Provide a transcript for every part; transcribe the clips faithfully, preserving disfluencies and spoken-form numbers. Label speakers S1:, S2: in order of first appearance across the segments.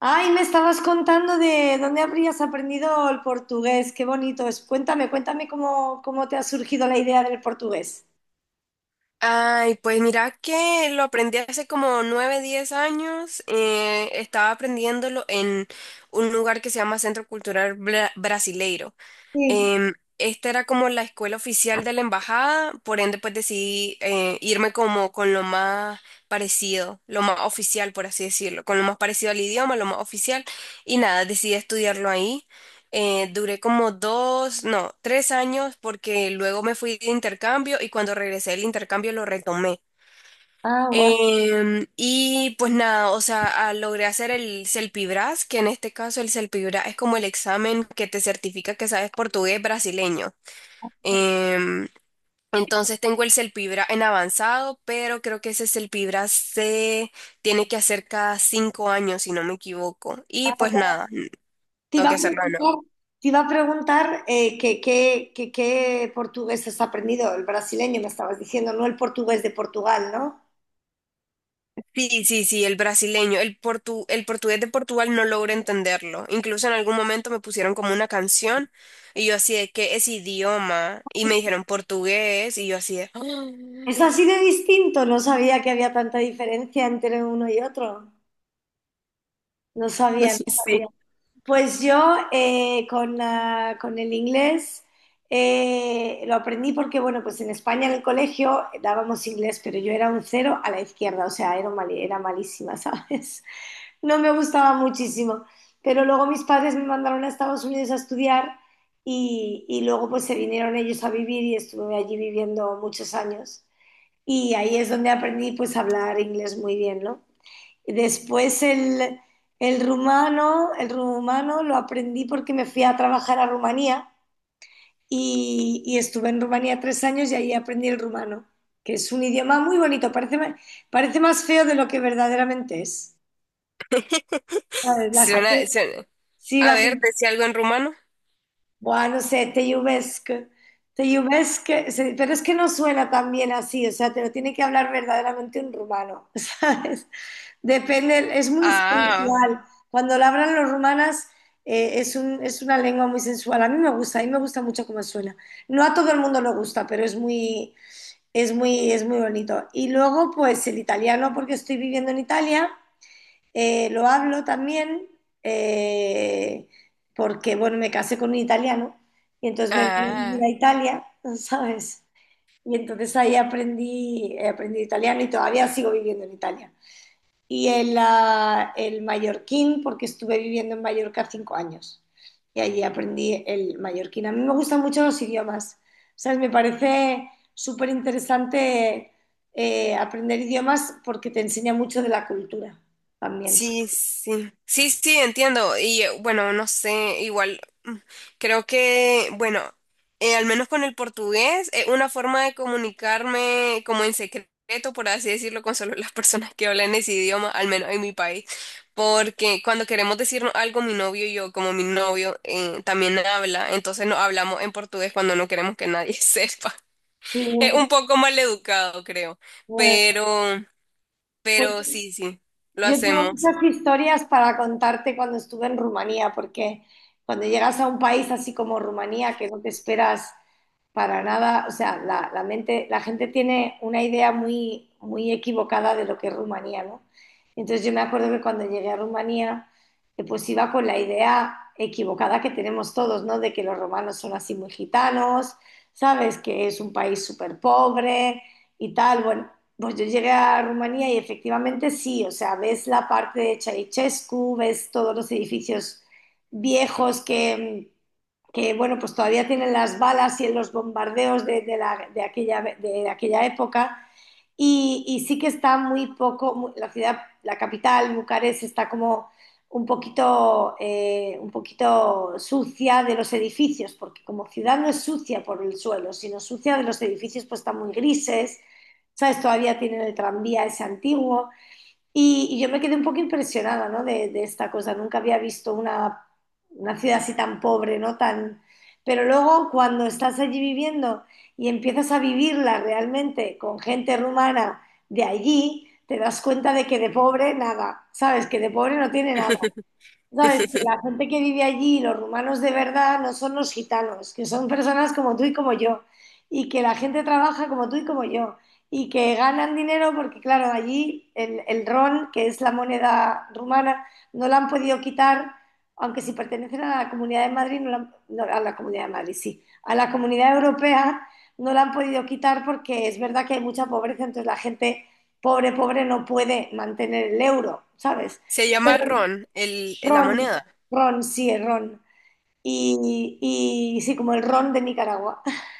S1: Ay, me estabas contando de dónde habrías aprendido el portugués. Qué bonito es. Cuéntame, cuéntame cómo, cómo te ha surgido la idea del portugués.
S2: Ay, pues mira que lo aprendí hace como nueve, diez años. Eh, estaba aprendiéndolo en un lugar que se llama Centro Cultural Bra- Brasileiro.
S1: Sí.
S2: Em, esta era como la escuela oficial de la embajada, por ende pues decidí eh, irme como con lo más parecido, lo más oficial, por así decirlo, con lo más parecido al idioma, lo más oficial, y nada, decidí estudiarlo ahí. Eh, duré como dos, no, tres años porque luego me fui de intercambio y cuando regresé del intercambio lo retomé.
S1: Ah, guau.
S2: Em, y pues nada, o sea, ah, logré hacer el CELPIBRAS, que en este caso el CELPIBRAS es como el examen que te certifica que sabes portugués brasileño. Em, entonces tengo el CELPIBRAS en avanzado, pero creo que ese CELPIBRAS se tiene que hacer cada cinco años, si no me equivoco. Y
S1: Ah, ya.
S2: pues nada,
S1: Te
S2: tengo
S1: iba a
S2: que hacerlo.
S1: preguntar, te iba a preguntar eh, qué, qué, qué- qué portugués has aprendido. El brasileño me estabas diciendo, no el portugués de Portugal, ¿no?
S2: Sí, sí, sí, el brasileño, el portu, el portugués de Portugal no logro entenderlo. Incluso en algún momento me pusieron como una canción y yo así de, ¿qué es idioma? Y me dijeron portugués y yo así de, "Ah".
S1: Es así de distinto. No sabía que había tanta diferencia entre uno y otro. No sabía, no
S2: Sí,
S1: sabía. Pues yo eh, con, ah, con el inglés eh, lo aprendí porque, bueno, pues en España en el colegio dábamos inglés, pero yo era un cero a la izquierda, o sea, era, mal- era malísima, ¿sabes? No me gustaba muchísimo. Pero luego mis padres me mandaron a Estados Unidos a estudiar y, y luego pues se vinieron ellos a vivir y estuve allí viviendo muchos años. Y ahí es donde aprendí pues a hablar inglés muy bien, ¿no? Y después el, el rumano, el rumano lo aprendí porque me fui a trabajar a Rumanía y, y estuve en Rumanía tres años y ahí aprendí el rumano, que es un idioma muy bonito, parece, ma- parece más feo de lo que verdaderamente es. ¿Sabes? La gente,
S2: suena, suena.
S1: sí,
S2: A
S1: la
S2: ver, decía algo en rumano.
S1: Buah, no sé, te lluvesc. Te lluvesc, se- pero es que no suena tan bien así, o sea, te lo tiene que hablar verdaderamente un rumano, ¿sabes? Depende, es muy
S2: Ah,
S1: sensual. Cuando lo hablan los rumanas, eh, es un- es una lengua muy sensual. A mí me gusta, a mí me gusta mucho cómo suena. No a todo el mundo le gusta, pero es muy, es muy, es muy bonito. Y luego, pues el italiano, porque estoy viviendo en Italia. Eh, lo hablo también eh, porque, bueno, me casé con un italiano y entonces me vine a vivir
S2: ah.
S1: a Italia, ¿sabes? Y entonces ahí aprendí, eh, aprendí italiano y todavía sigo viviendo en Italia. Y el, ah, el mallorquín, porque estuve viviendo en Mallorca cinco años y allí aprendí el mallorquín. A mí me gustan mucho los idiomas, ¿sabes? Me parece súper interesante eh, aprender idiomas porque te enseña mucho de la cultura también.
S2: Sí, sí, sí, sí, entiendo. Y eh, bueno, no sé, igual mm, creo que, bueno, eh, al menos con el portugués, es una forma de comunicarme como en secreto, por así decirlo, con solo las personas que hablan ese idioma, al menos en mi país. Porque cuando queremos decirnos algo, mi novio y yo, como mi novio, eh, también habla, entonces nos hablamos en portugués cuando no queremos que nadie sepa.
S1: Sí,
S2: Es un poco mal educado, creo,
S1: pues,
S2: pero,
S1: pues,
S2: pero sí, sí, lo
S1: yo tengo
S2: hacemos.
S1: muchas historias para contarte cuando estuve en Rumanía, porque cuando llegas a un país así como Rumanía, que no te esperas para nada, o sea, la, la mente, la gente tiene una idea muy, muy equivocada de lo que es Rumanía, ¿no? Entonces yo me acuerdo que cuando llegué a Rumanía, eh, pues iba con la idea equivocada que tenemos todos, ¿no? De que los romanos son así muy gitanos, ¿sabes? Que es un país súper pobre y tal. Bueno, pues yo llegué a Rumanía y efectivamente sí, o sea, ves la parte de Ceausescu, ves todos los edificios viejos que, que bueno, pues todavía tienen las balas y los bombardeos de, de la- de aquella, de aquella época, y, y sí que está muy poco, mu- la ciudad, la capital, Bucarest, está como un poquito, eh, un poquito sucia de los edificios, porque como ciudad no es sucia por el suelo, sino sucia de los edificios, pues están muy grises, ¿sabes? Todavía tienen el tranvía ese antiguo. Y, y yo me quedé un poco impresionada, ¿no? De, de esta cosa. Nunca había visto una, una ciudad así tan pobre, ¿no? Tan... Pero luego cuando estás allí viviendo y empiezas a vivirla realmente con gente rumana de allí, te das cuenta de que de pobre nada, ¿sabes? Que de pobre no tiene nada. Sabes que la gente que vive allí, los rumanos de verdad, no son los gitanos, que son personas como tú y como yo, y que la gente trabaja como tú y como yo, y que ganan dinero porque, claro, allí el, el ron, que es la moneda rumana, no la han podido quitar, aunque si pertenecen a la Comunidad de Madrid, no la han- no, a la Comunidad de Madrid, sí, a la Comunidad Europea no la han podido quitar porque es verdad que hay mucha pobreza, entonces la gente pobre, pobre no puede mantener el euro, ¿sabes?
S2: Se llama ron, el, la
S1: Ron,
S2: moneda.
S1: ron, sí, el ron. Y, y sí, como el ron de Nicaragua.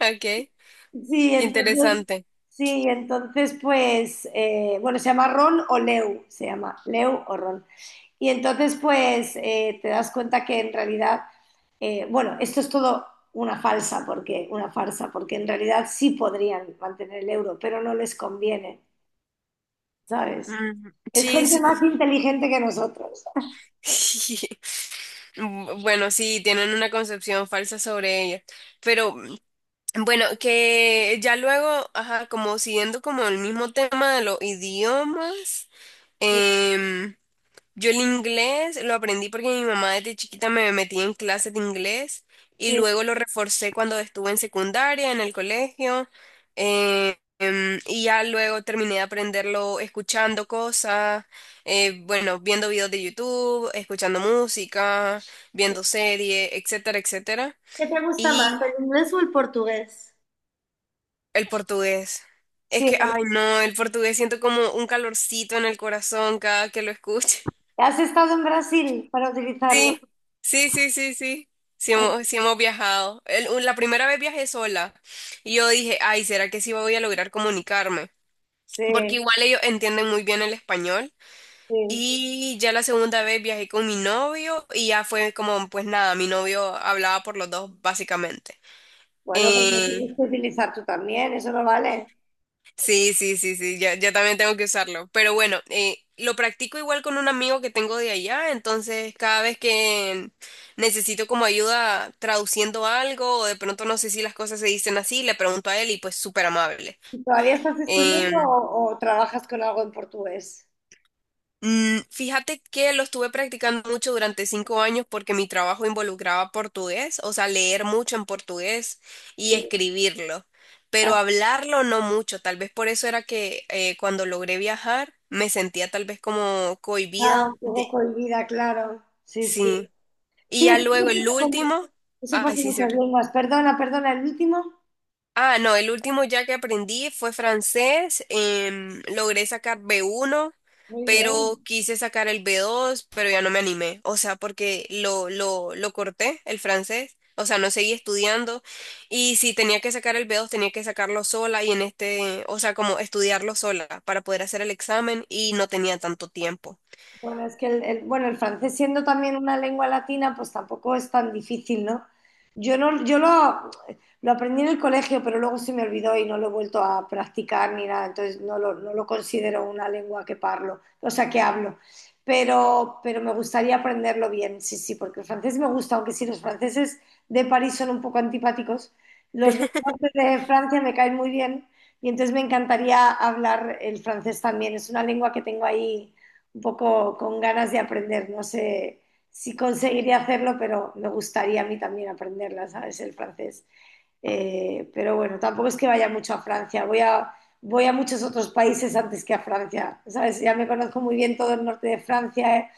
S2: Ok, qué
S1: Sí, entonces,
S2: interesante.
S1: sí, entonces pues, eh, bueno, se llama ron o leu, se llama leu o ron. Y entonces pues eh, te das cuenta que en realidad, eh, bueno, esto es todo una falsa, porque, una farsa, porque en realidad sí podrían mantener el euro, pero no les conviene, ¿sabes?
S2: Mm,
S1: Es
S2: sí,
S1: gente más
S2: sí.
S1: inteligente que nosotros.
S2: Bu- Bueno, sí, tienen una concepción falsa sobre ella. Pero mm, bueno, que ya luego, ajá, como siguiendo como el mismo tema de los idiomas, em, yo el inglés lo aprendí porque mi mamá desde chiquita me metía en clases de inglés y
S1: Sí.
S2: luego lo reforcé cuando estuve en secundaria, en el colegio, eh, em, y ya luego terminé de aprenderlo escuchando cosas, eh, bueno, viendo videos de YouTube, escuchando música, viendo series, etcétera, etcétera.
S1: ¿Qué te gusta más,
S2: Y
S1: el inglés o el portugués?
S2: el portugués. Es
S1: Sí,
S2: que,
S1: bueno,
S2: ay no, el portugués siento como un calorcito en el corazón cada que lo escucho.
S1: has estado en Brasil para utilizarlo.
S2: Sí, sí, sí, sí, sí. Sí hemos, sí hemos viajado. El- la primera vez viajé sola y yo dije, ay, ¿será que sí voy a lograr comunicarme? Porque
S1: Sí,
S2: igual ellos entienden muy bien el español.
S1: sí.
S2: Y ya la segunda vez viajé con mi novio y ya fue como, pues nada, mi novio hablaba por los dos básicamente.
S1: Bueno, pues lo
S2: Eh,
S1: tienes que utilizar tú también, eso no vale.
S2: Sí, sí, sí, sí, yo, yo también tengo que usarlo. Pero bueno, eh, lo practico igual con un amigo que tengo de allá, entonces cada vez que necesito como ayuda traduciendo algo o de pronto no sé si las cosas se dicen así, le pregunto a él y pues súper amable.
S1: ¿Y todavía estás estudiando
S2: Em,
S1: o, o trabajas con algo en portugués?
S2: Mm, fíjate que lo estuve practicando mucho durante cinco años porque mi trabajo involucraba portugués, o sea, leer mucho en portugués y
S1: Sí.
S2: escribirlo, pero
S1: Ah,
S2: hablarlo no mucho. Tal vez por eso era que eh, cuando logré viajar me sentía tal vez como
S1: ah, un
S2: cohibida de.
S1: poco cohibida, claro. Sí, sí.
S2: Sí. Y
S1: Sí, es-
S2: ya luego
S1: eso pasa
S2: el
S1: con-
S2: último,
S1: eso pasa
S2: ay,
S1: en
S2: sí, sí.
S1: muchas lenguas. Perdona, perdona, el último.
S2: Ah, no, el último ya que aprendí fue francés. Em, logré sacar B uno,
S1: Muy
S2: pero
S1: bien.
S2: quise sacar el B dos, pero ya no me animé. O sea, porque lo, lo, lo corté, el francés. O sea, no seguí estudiando. Y si tenía que sacar el B dos, tenía que sacarlo sola y en este, o sea, como estudiarlo sola para poder hacer el examen y no tenía tanto tiempo.
S1: Bueno, es que el, el- bueno, el francés siendo también una lengua latina, pues tampoco es tan difícil, ¿no? Yo no, yo lo, lo aprendí en el colegio, pero luego se me olvidó y no lo he vuelto a practicar ni nada, entonces no lo, no lo considero una lengua que parlo, o sea, que hablo. Pero, pero me gustaría aprenderlo bien, sí, sí, porque el francés me gusta, aunque sí, los franceses de París son un poco antipáticos, los del norte de Francia me caen muy bien y entonces me encantaría hablar el francés también, es una lengua que tengo ahí un poco con ganas de aprender. No sé si conseguiría hacerlo, pero me gustaría a mí también aprenderla, ¿sabes? El francés. Eh, pero bueno, tampoco es que vaya mucho a Francia, voy a, voy a muchos otros países antes que a Francia, ¿sabes? Ya me conozco muy bien todo el norte de Francia eh,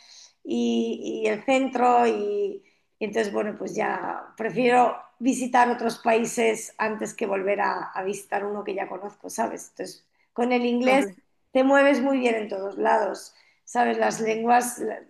S1: y, y, el centro y, y, entonces, bueno, pues ya prefiero visitar otros países antes que volver a, a visitar uno que ya conozco, ¿sabes? Entonces, con el inglés
S2: Comple-
S1: te mueves muy bien en todos lados, ¿sabes? Las lenguas, la-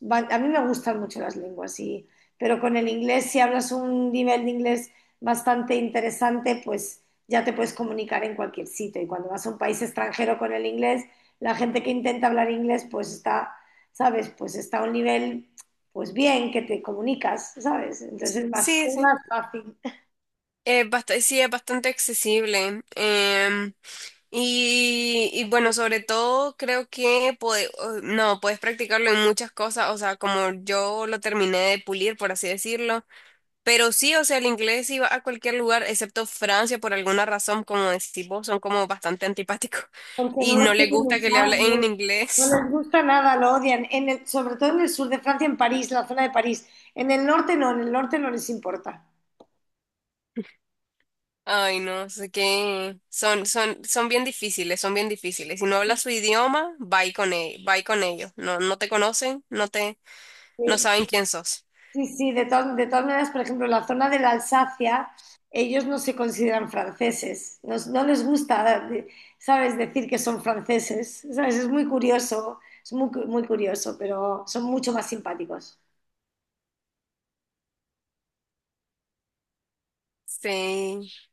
S1: van- a mí me gustan mucho las lenguas, y, pero con el inglés, si hablas un nivel de inglés bastante interesante, pues ya te puedes comunicar en cualquier sitio. Y cuando vas a un país extranjero con el inglés, la gente que intenta hablar inglés, pues está, ¿sabes? Pues está a un nivel, pues bien, que te comunicas, ¿sabes? Entonces es más,
S2: Sí,
S1: es
S2: sí.
S1: más fácil,
S2: Es bast- sí, es bastante accesible. Em, Y, y bueno, sobre todo creo que puede- o- no, puedes practicarlo en muchas cosas, o sea, como yo lo terminé de pulir, por así decirlo, pero sí, o sea, el inglés iba a cualquier lugar, excepto Francia, por alguna razón, como decís vos, son como bastante antipáticos
S1: porque
S2: y
S1: no
S2: no
S1: lo
S2: les
S1: quieren
S2: gusta que le
S1: usar,
S2: hablen en
S1: no. No
S2: inglés.
S1: les gusta nada, lo odian. En el- sobre todo en el sur de Francia, en París, la zona de París. En el norte no, en el norte no les importa.
S2: Ay, no, no sé qué son, son, son, bien difíciles, son bien difíciles. Si no hablas su idioma, va con, e- va con ellos. No, no te conocen, no te, no
S1: Sí.
S2: saben quién sos.
S1: Sí, sí, de todas, de todas maneras, por ejemplo, la zona de la Alsacia, ellos no se consideran franceses, no, no les gusta, de- ¿sabes?, decir que son franceses, ¿sabes? Es muy curioso, es muy, cu- muy curioso, pero son mucho más simpáticos.
S2: Sí.